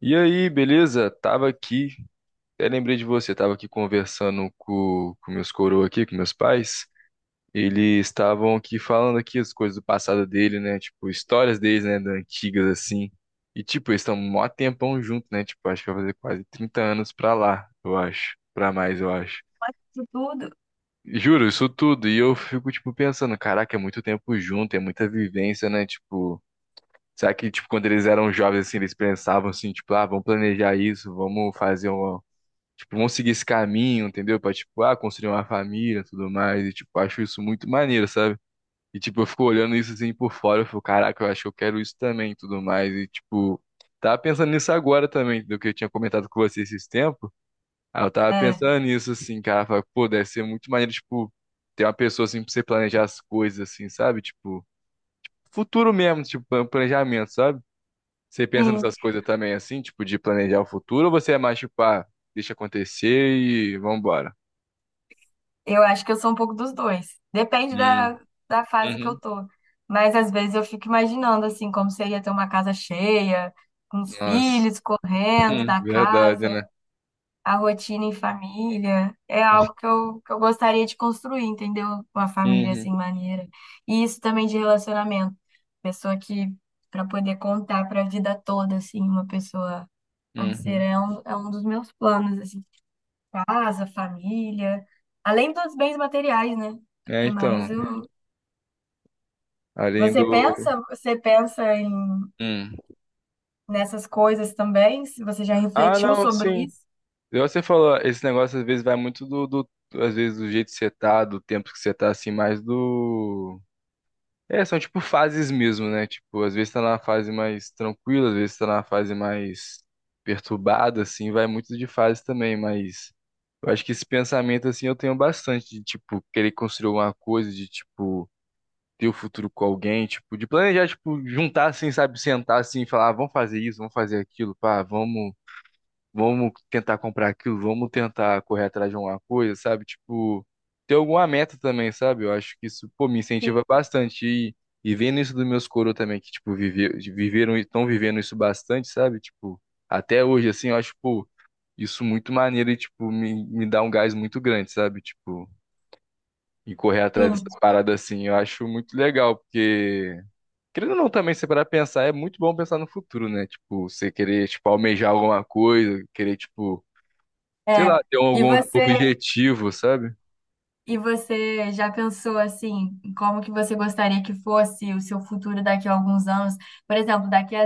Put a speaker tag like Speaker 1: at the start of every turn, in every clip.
Speaker 1: E aí, beleza? Tava aqui, até lembrei de você, tava aqui conversando com meus coroa aqui, com meus pais. Eles estavam aqui falando aqui as coisas do passado dele, né? Tipo, histórias deles, né? Da antigas, assim. E, tipo, eles estão mó tempão junto, né? Tipo, acho que vai fazer quase 30 anos pra lá, eu acho. Pra mais, eu acho.
Speaker 2: Mas de tudo.
Speaker 1: Juro, isso tudo. E eu fico, tipo, pensando, caraca, é muito tempo junto, é muita vivência, né? Tipo, será que, tipo, quando eles eram jovens, assim, eles pensavam assim, tipo, ah, vamos planejar isso, vamos fazer um. Tipo, vão seguir esse caminho, entendeu? Pra, tipo, construir uma família e tudo mais. E, tipo, acho isso muito maneiro, sabe? E, tipo, eu fico olhando isso assim por fora. Eu fico, caraca, eu acho que eu quero isso também e tudo mais. E, tipo, tava pensando nisso agora também, do que eu tinha comentado com você esses tempos. Aí eu tava
Speaker 2: É,
Speaker 1: pensando nisso, assim, cara. Falei, pô, deve ser muito maneiro, tipo, ter uma pessoa assim pra você planejar as coisas, assim, sabe? Tipo, futuro mesmo, tipo, planejamento, sabe? Você pensa
Speaker 2: sim.
Speaker 1: nessas coisas também, assim, tipo, de planejar o futuro, ou você é mais, tipo, deixa acontecer e vambora?
Speaker 2: Eu acho que eu sou um pouco dos dois. Depende
Speaker 1: Hum.
Speaker 2: da fase que eu
Speaker 1: Uhum.
Speaker 2: tô. Mas às vezes eu fico imaginando assim, como seria ter uma casa cheia, com os
Speaker 1: Nossa.
Speaker 2: filhos correndo
Speaker 1: Hum,
Speaker 2: da
Speaker 1: verdade, né?
Speaker 2: casa, a rotina em família. É algo que eu gostaria de construir, entendeu? Uma família
Speaker 1: Uhum,
Speaker 2: assim, maneira. E isso também de relacionamento. Pessoa que, para poder contar para a vida toda, assim, uma pessoa
Speaker 1: uhum.
Speaker 2: parceira, é um dos meus planos, assim. Casa, família, além dos bens materiais, né?
Speaker 1: É,
Speaker 2: É mais
Speaker 1: então,
Speaker 2: o.
Speaker 1: além
Speaker 2: Você
Speaker 1: do.
Speaker 2: pensa, você pensa em
Speaker 1: Hum.
Speaker 2: nessas coisas também? Se você já
Speaker 1: Ah,
Speaker 2: refletiu
Speaker 1: não,
Speaker 2: sobre
Speaker 1: sim.
Speaker 2: isso?
Speaker 1: Igual você falou, esse negócio às vezes vai muito às vezes do jeito que você tá, do tempo que você tá, assim, mais do. É, são tipo fases mesmo, né? Tipo, às vezes tá na fase mais tranquila, às vezes tá na fase mais perturbada, assim, vai muito de fase também, mas. Eu acho que esse pensamento, assim, eu tenho bastante de, tipo, querer construir alguma coisa, de, tipo ter o futuro com alguém, tipo, de planejar, tipo, juntar assim, sabe, sentar assim e falar, ah, vamos fazer isso, vamos fazer aquilo, pá, vamos tentar comprar aquilo, vamos tentar correr atrás de alguma coisa, sabe? Tipo, ter alguma meta também, sabe? Eu acho que isso, pô, me
Speaker 2: Sim,
Speaker 1: incentiva bastante e vendo isso dos meus coro também, que, tipo, vive, viveram, estão vivendo isso bastante, sabe? Tipo, até hoje, assim, eu acho, pô, isso muito maneiro e, tipo, me dá um gás muito grande, sabe? Tipo, e correr atrás
Speaker 2: sim.
Speaker 1: dessas paradas assim, eu acho muito legal, porque querendo ou não também, se parar pra pensar, é muito bom pensar no futuro, né? Tipo, você querer, tipo, almejar alguma coisa, querer, tipo, sei lá,
Speaker 2: É.
Speaker 1: ter
Speaker 2: E
Speaker 1: algum
Speaker 2: você
Speaker 1: objetivo, sabe?
Speaker 2: E você já pensou assim, em como que você gostaria que fosse o seu futuro daqui a alguns anos? Por exemplo, daqui a,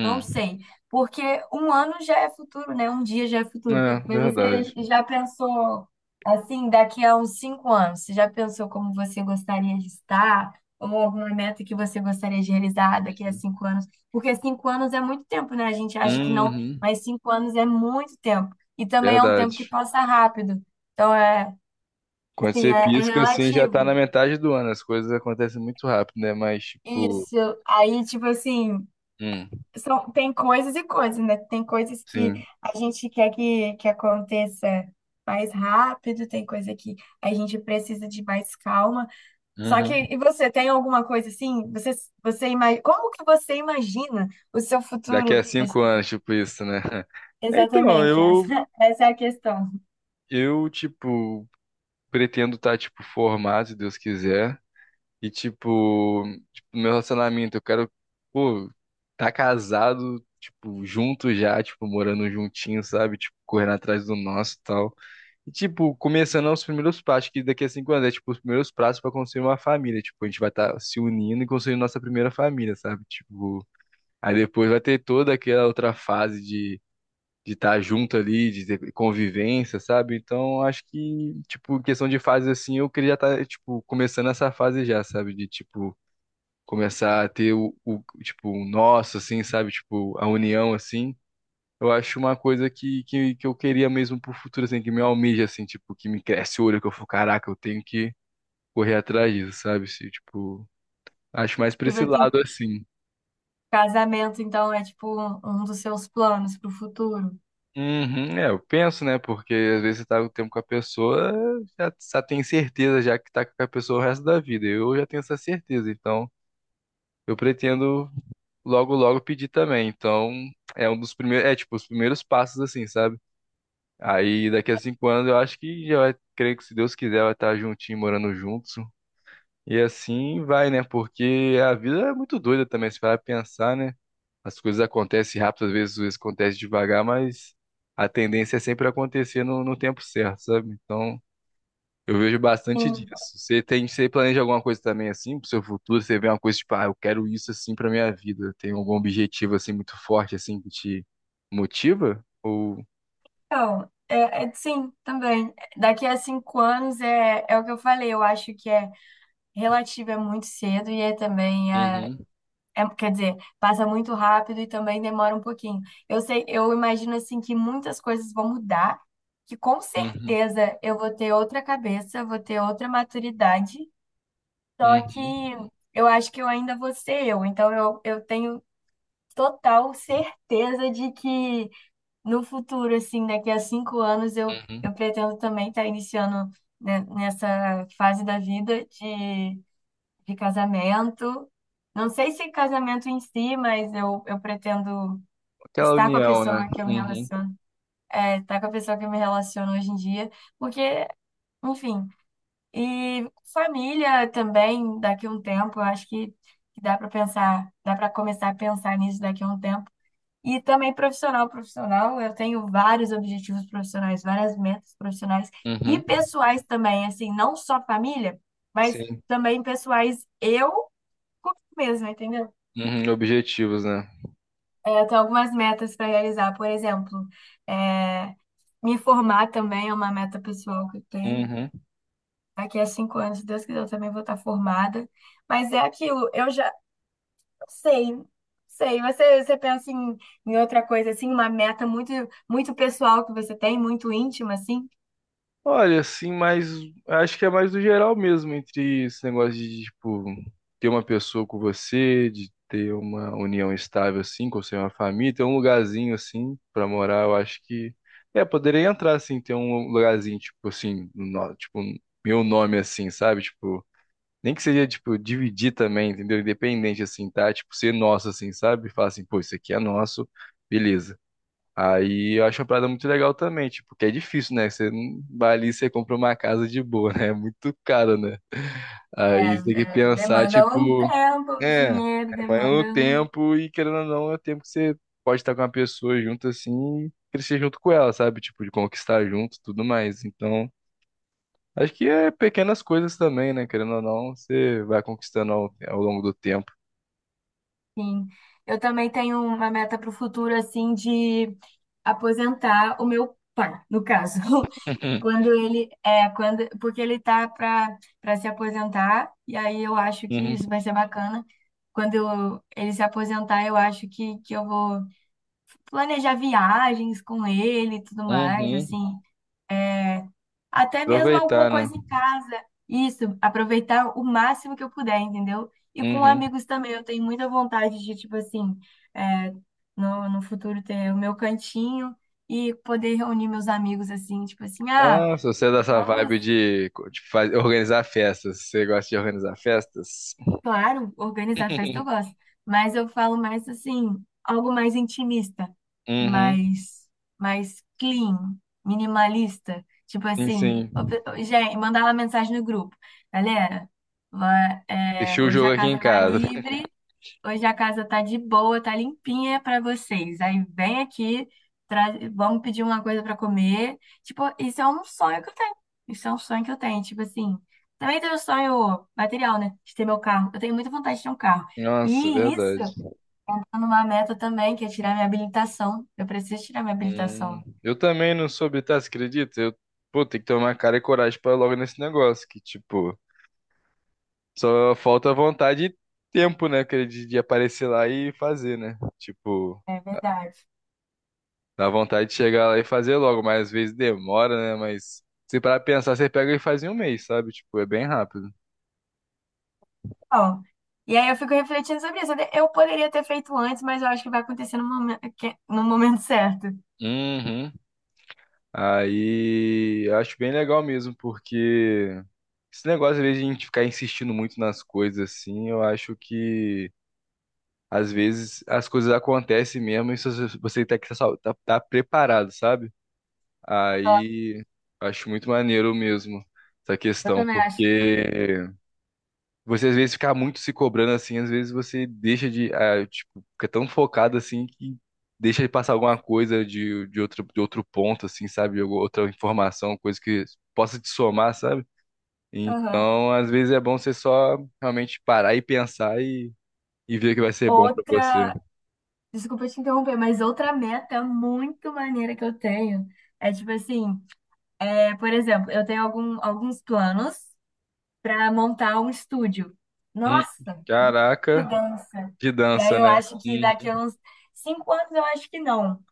Speaker 2: não sei, porque um ano já é futuro, né? Um dia já é futuro.
Speaker 1: É,
Speaker 2: Mas você
Speaker 1: verdade.
Speaker 2: já pensou assim, daqui a uns 5 anos? Você já pensou como você gostaria de estar? Ou alguma meta que você gostaria de realizar daqui a 5 anos? Porque 5 anos é muito tempo, né? A gente acha que não,
Speaker 1: Uhum,
Speaker 2: mas 5 anos é muito tempo. E também é um tempo que
Speaker 1: verdade.
Speaker 2: passa rápido. Então, é.
Speaker 1: Quando
Speaker 2: Sim,
Speaker 1: você
Speaker 2: é
Speaker 1: pisca, assim, já tá na
Speaker 2: relativo.
Speaker 1: metade do ano. As coisas acontecem muito rápido, né? Mas, tipo,
Speaker 2: Isso. Aí, tipo assim,
Speaker 1: hum,
Speaker 2: são, tem coisas e coisas, né? Tem coisas que
Speaker 1: sim,
Speaker 2: a gente quer que aconteça mais rápido, tem coisa que a gente precisa de mais calma. Só que,
Speaker 1: uhum,
Speaker 2: e você, tem alguma coisa assim? Você imagina, como que você imagina o seu
Speaker 1: daqui a
Speaker 2: futuro? Acho
Speaker 1: cinco
Speaker 2: que-
Speaker 1: anos, tipo, isso, né? Então,
Speaker 2: Exatamente,
Speaker 1: eu,
Speaker 2: essa, essa é a questão.
Speaker 1: eu, tipo, pretendo estar, tipo, formado, se Deus quiser. E, tipo, meu relacionamento, eu quero, pô, tá casado, tipo, junto já, tipo, morando juntinho, sabe? Tipo, correndo atrás do nosso e tal. E, tipo, começando aos primeiros passos, que daqui a 5 anos é, tipo, os primeiros passos pra construir uma família. Tipo, a gente vai estar se unindo e construindo nossa primeira família, sabe? Tipo, aí depois vai ter toda aquela outra fase de. De estar junto ali, de ter convivência, sabe? Então, acho que, tipo, em questão de fase assim, eu queria já estar, tipo, começando essa fase já, sabe? De, tipo, começar a ter tipo, o nosso, assim, sabe? Tipo, a união, assim. Eu acho uma coisa que eu queria mesmo pro futuro, assim, que me almeja, assim, tipo, que me cresce o olho, que eu falo, caraca, eu tenho que correr atrás disso, sabe? Se, tipo, acho mais pra
Speaker 2: Tipo
Speaker 1: esse
Speaker 2: assim,
Speaker 1: lado, assim.
Speaker 2: casamento, então, é tipo um dos seus planos para o futuro.
Speaker 1: Uhum, é, eu penso, né? Porque às vezes você tá o tempo com a pessoa, já tem certeza já que tá com a pessoa o resto da vida. Eu já tenho essa certeza, então eu pretendo logo, logo pedir também. Então, é um dos primeiros, é tipo, os primeiros passos, assim, sabe? Aí daqui a 5 anos eu acho que já vai, creio que se Deus quiser, vai estar juntinho, morando juntos. E assim vai, né? Porque a vida é muito doida também, se parar pra pensar, né? As coisas acontecem rápido, às vezes acontece devagar, mas a tendência é sempre acontecer no tempo certo, sabe? Então, eu vejo bastante
Speaker 2: Sim.
Speaker 1: disso. Você planeja alguma coisa também assim pro seu futuro? Você vê uma coisa tipo, ah, eu quero isso assim pra minha vida. Tem algum objetivo assim muito forte assim que te motiva? Ou.
Speaker 2: Então, sim, também. Daqui a 5 anos é o que eu falei, eu acho que é relativo, é muito cedo e é também,
Speaker 1: Uhum,
Speaker 2: quer dizer, passa muito rápido e também demora um pouquinho. Eu sei, eu imagino assim que muitas coisas vão mudar, que com
Speaker 1: uhum,
Speaker 2: certeza eu vou ter outra cabeça, vou ter outra maturidade, só que
Speaker 1: uhum.
Speaker 2: eu acho que eu ainda vou ser eu, então eu tenho total certeza de que no futuro, assim, daqui a 5 anos, eu,
Speaker 1: Uhum.
Speaker 2: eu pretendo também estar iniciando, né, nessa fase da vida de casamento. Não sei se casamento em si, mas eu pretendo
Speaker 1: Aquela
Speaker 2: estar com a
Speaker 1: união, né?
Speaker 2: pessoa que eu me
Speaker 1: Uhum.
Speaker 2: relaciono, é, estar com a pessoa que eu me relaciono hoje em dia, porque, enfim, e família também, daqui a um tempo, eu acho que dá para pensar, dá para começar a pensar nisso daqui a um tempo e também profissional, profissional, eu tenho vários objetivos profissionais, várias metas profissionais e
Speaker 1: Uhum.
Speaker 2: pessoais também, assim, não só família, mas
Speaker 1: Sim.
Speaker 2: também pessoais eu comigo mesma, entendeu?
Speaker 1: Uhum. Objetivos, né?
Speaker 2: É, eu tenho algumas metas para realizar, por exemplo, é, me formar também é uma meta pessoal que eu tenho.
Speaker 1: Uhum.
Speaker 2: Daqui a 5 anos, se Deus quiser, eu também vou estar formada. Mas é aquilo, eu já sei, sei. Você pensa em outra coisa, assim, uma meta muito, muito pessoal que você tem, muito íntima, assim?
Speaker 1: Olha, assim, mas acho que é mais do geral mesmo, entre esse negócio de, tipo, ter uma pessoa com você, de ter uma união estável, assim, com você, uma família, ter um lugarzinho, assim, pra morar, eu acho que. É, poderia entrar, assim, ter um lugarzinho, tipo, assim, tipo, meu nome, assim, sabe? Tipo. Nem que seja, tipo, dividir também, entendeu? Independente, assim, tá? Tipo, ser nosso, assim, sabe? Falar assim, pô, isso aqui é nosso, beleza. Aí eu acho uma parada muito legal também, tipo, porque é difícil, né? Você não vai ali e você compra uma casa de boa, né? É muito caro, né?
Speaker 2: É,
Speaker 1: Aí você tem que
Speaker 2: é,
Speaker 1: pensar,
Speaker 2: demanda um
Speaker 1: tipo,
Speaker 2: tempo, um
Speaker 1: é,
Speaker 2: dinheiro,
Speaker 1: vai
Speaker 2: demanda
Speaker 1: o
Speaker 2: um...
Speaker 1: tempo e querendo ou não, é o tempo que você pode estar com uma pessoa junto, assim, e crescer junto com ela, sabe? Tipo, de conquistar junto, tudo mais. Então. Acho que é pequenas coisas também, né? Querendo ou não, você vai conquistando ao longo do tempo.
Speaker 2: Sim. Eu também tenho uma meta para o futuro, assim, de aposentar o meu pai, no caso. Quando ele... É, quando, porque ele tá para se aposentar, e aí eu acho
Speaker 1: Uhum.
Speaker 2: que
Speaker 1: Uhum.
Speaker 2: isso vai ser bacana. Ele se aposentar, eu acho que eu vou... planejar viagens com ele e tudo mais,
Speaker 1: Uhum.
Speaker 2: assim, até mesmo alguma
Speaker 1: Aproveitar, né?
Speaker 2: coisa em casa. Isso, aproveitar o máximo que eu puder, entendeu? E com
Speaker 1: Uhum.
Speaker 2: amigos também, eu tenho muita vontade de, tipo assim, é, no futuro ter o meu cantinho e poder reunir meus amigos, assim, tipo assim, ah,
Speaker 1: Ah, se você é dessa
Speaker 2: vamos.
Speaker 1: vibe de organizar festas, você gosta de organizar festas?
Speaker 2: Claro, organizar festa eu gosto, mas eu falo mais assim, algo mais intimista,
Speaker 1: Uhum.
Speaker 2: mais, mais clean, minimalista. Tipo
Speaker 1: Sim,
Speaker 2: assim, ô,
Speaker 1: sim.
Speaker 2: gente, mandar uma mensagem no grupo. Galera, é,
Speaker 1: Deixei o
Speaker 2: hoje
Speaker 1: jogo
Speaker 2: a
Speaker 1: aqui em
Speaker 2: casa tá
Speaker 1: casa.
Speaker 2: livre. Hoje a casa tá de boa, tá limpinha pra vocês. Aí vem aqui, vamos pedir uma coisa pra comer. Tipo, isso é um sonho que eu tenho. Isso é um sonho que eu tenho. Tipo assim, também tenho um sonho material, né? De ter meu carro. Eu tenho muita vontade de ter um carro.
Speaker 1: Nossa,
Speaker 2: E isso,
Speaker 1: verdade.
Speaker 2: eu tô numa meta também, que é tirar minha habilitação. Eu preciso tirar minha
Speaker 1: Hum.
Speaker 2: habilitação.
Speaker 1: Eu também não soube, tá? Você acredita? Eu, pô, tem que tomar cara e coragem pra ir logo nesse negócio. Que, tipo, só falta vontade e tempo, né, cara, de aparecer lá e fazer, né? Tipo,
Speaker 2: É verdade.
Speaker 1: dá vontade de chegar lá e fazer logo, mas às vezes demora, né? Mas se parar pra pensar, você pega e faz em um mês, sabe? Tipo, é bem rápido.
Speaker 2: Bom, e aí eu fico refletindo sobre isso. Eu poderia ter feito antes, mas eu acho que vai acontecer no momento, no momento certo.
Speaker 1: Uhum. Aí, eu acho bem legal mesmo, porque esse negócio, às vezes, de a gente ficar insistindo muito nas coisas, assim, eu acho que, às vezes, as coisas acontecem mesmo e se você tem que estar tá preparado, sabe? Aí acho muito maneiro mesmo essa
Speaker 2: Eu
Speaker 1: questão,
Speaker 2: também acho.
Speaker 1: porque você às vezes fica muito se cobrando assim, às vezes você deixa de, ah, tipo, fica tão focado assim que deixa de passar alguma coisa de outro ponto, assim, sabe? Ou outra informação, coisa que possa te somar, sabe?
Speaker 2: Aham.
Speaker 1: Então, às vezes é bom você só realmente parar e pensar e ver o que vai ser bom pra você.
Speaker 2: Outra, desculpa te interromper, mas outra meta muito maneira que eu tenho é tipo assim, é, por exemplo, eu tenho alguns planos para montar um estúdio.
Speaker 1: Hum,
Speaker 2: Nossa, que
Speaker 1: caraca,
Speaker 2: dança!
Speaker 1: de
Speaker 2: E aí
Speaker 1: dança,
Speaker 2: eu
Speaker 1: né?
Speaker 2: acho que
Speaker 1: Uhum,
Speaker 2: daqui a uns 5 anos eu acho que não.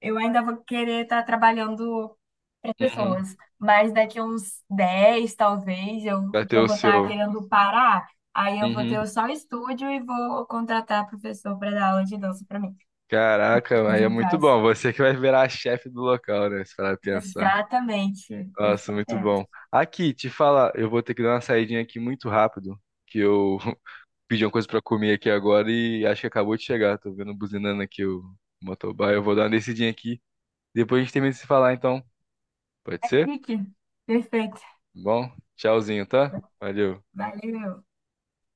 Speaker 2: Eu ainda vou querer estar trabalhando para
Speaker 1: uhum.
Speaker 2: pessoas, mas daqui a uns 10 talvez, eu,
Speaker 1: Vai
Speaker 2: que
Speaker 1: ter
Speaker 2: eu
Speaker 1: o
Speaker 2: vou estar
Speaker 1: seu.
Speaker 2: querendo parar, aí eu vou
Speaker 1: Uhum.
Speaker 2: ter só o estúdio e vou contratar professor para dar aula de dança para mim.
Speaker 1: Caraca, aí
Speaker 2: Hoje,
Speaker 1: é muito
Speaker 2: caso.
Speaker 1: bom. Você que vai virar a chefe do local, né? Se parar pra pensar.
Speaker 2: Exatamente.
Speaker 1: Nossa, muito
Speaker 2: Exatamente.
Speaker 1: bom. Aqui, te falar, eu vou ter que dar uma saidinha aqui muito rápido, que eu pedi uma coisa pra comer aqui agora e acho que acabou de chegar. Tô vendo buzinando aqui o motoboy. Eu vou dar uma descidinha aqui. Depois a gente termina de se falar, então. Pode
Speaker 2: Tá
Speaker 1: ser? Tá
Speaker 2: chique. Perfeito.
Speaker 1: bom, tchauzinho, tá? Valeu.
Speaker 2: Valeu.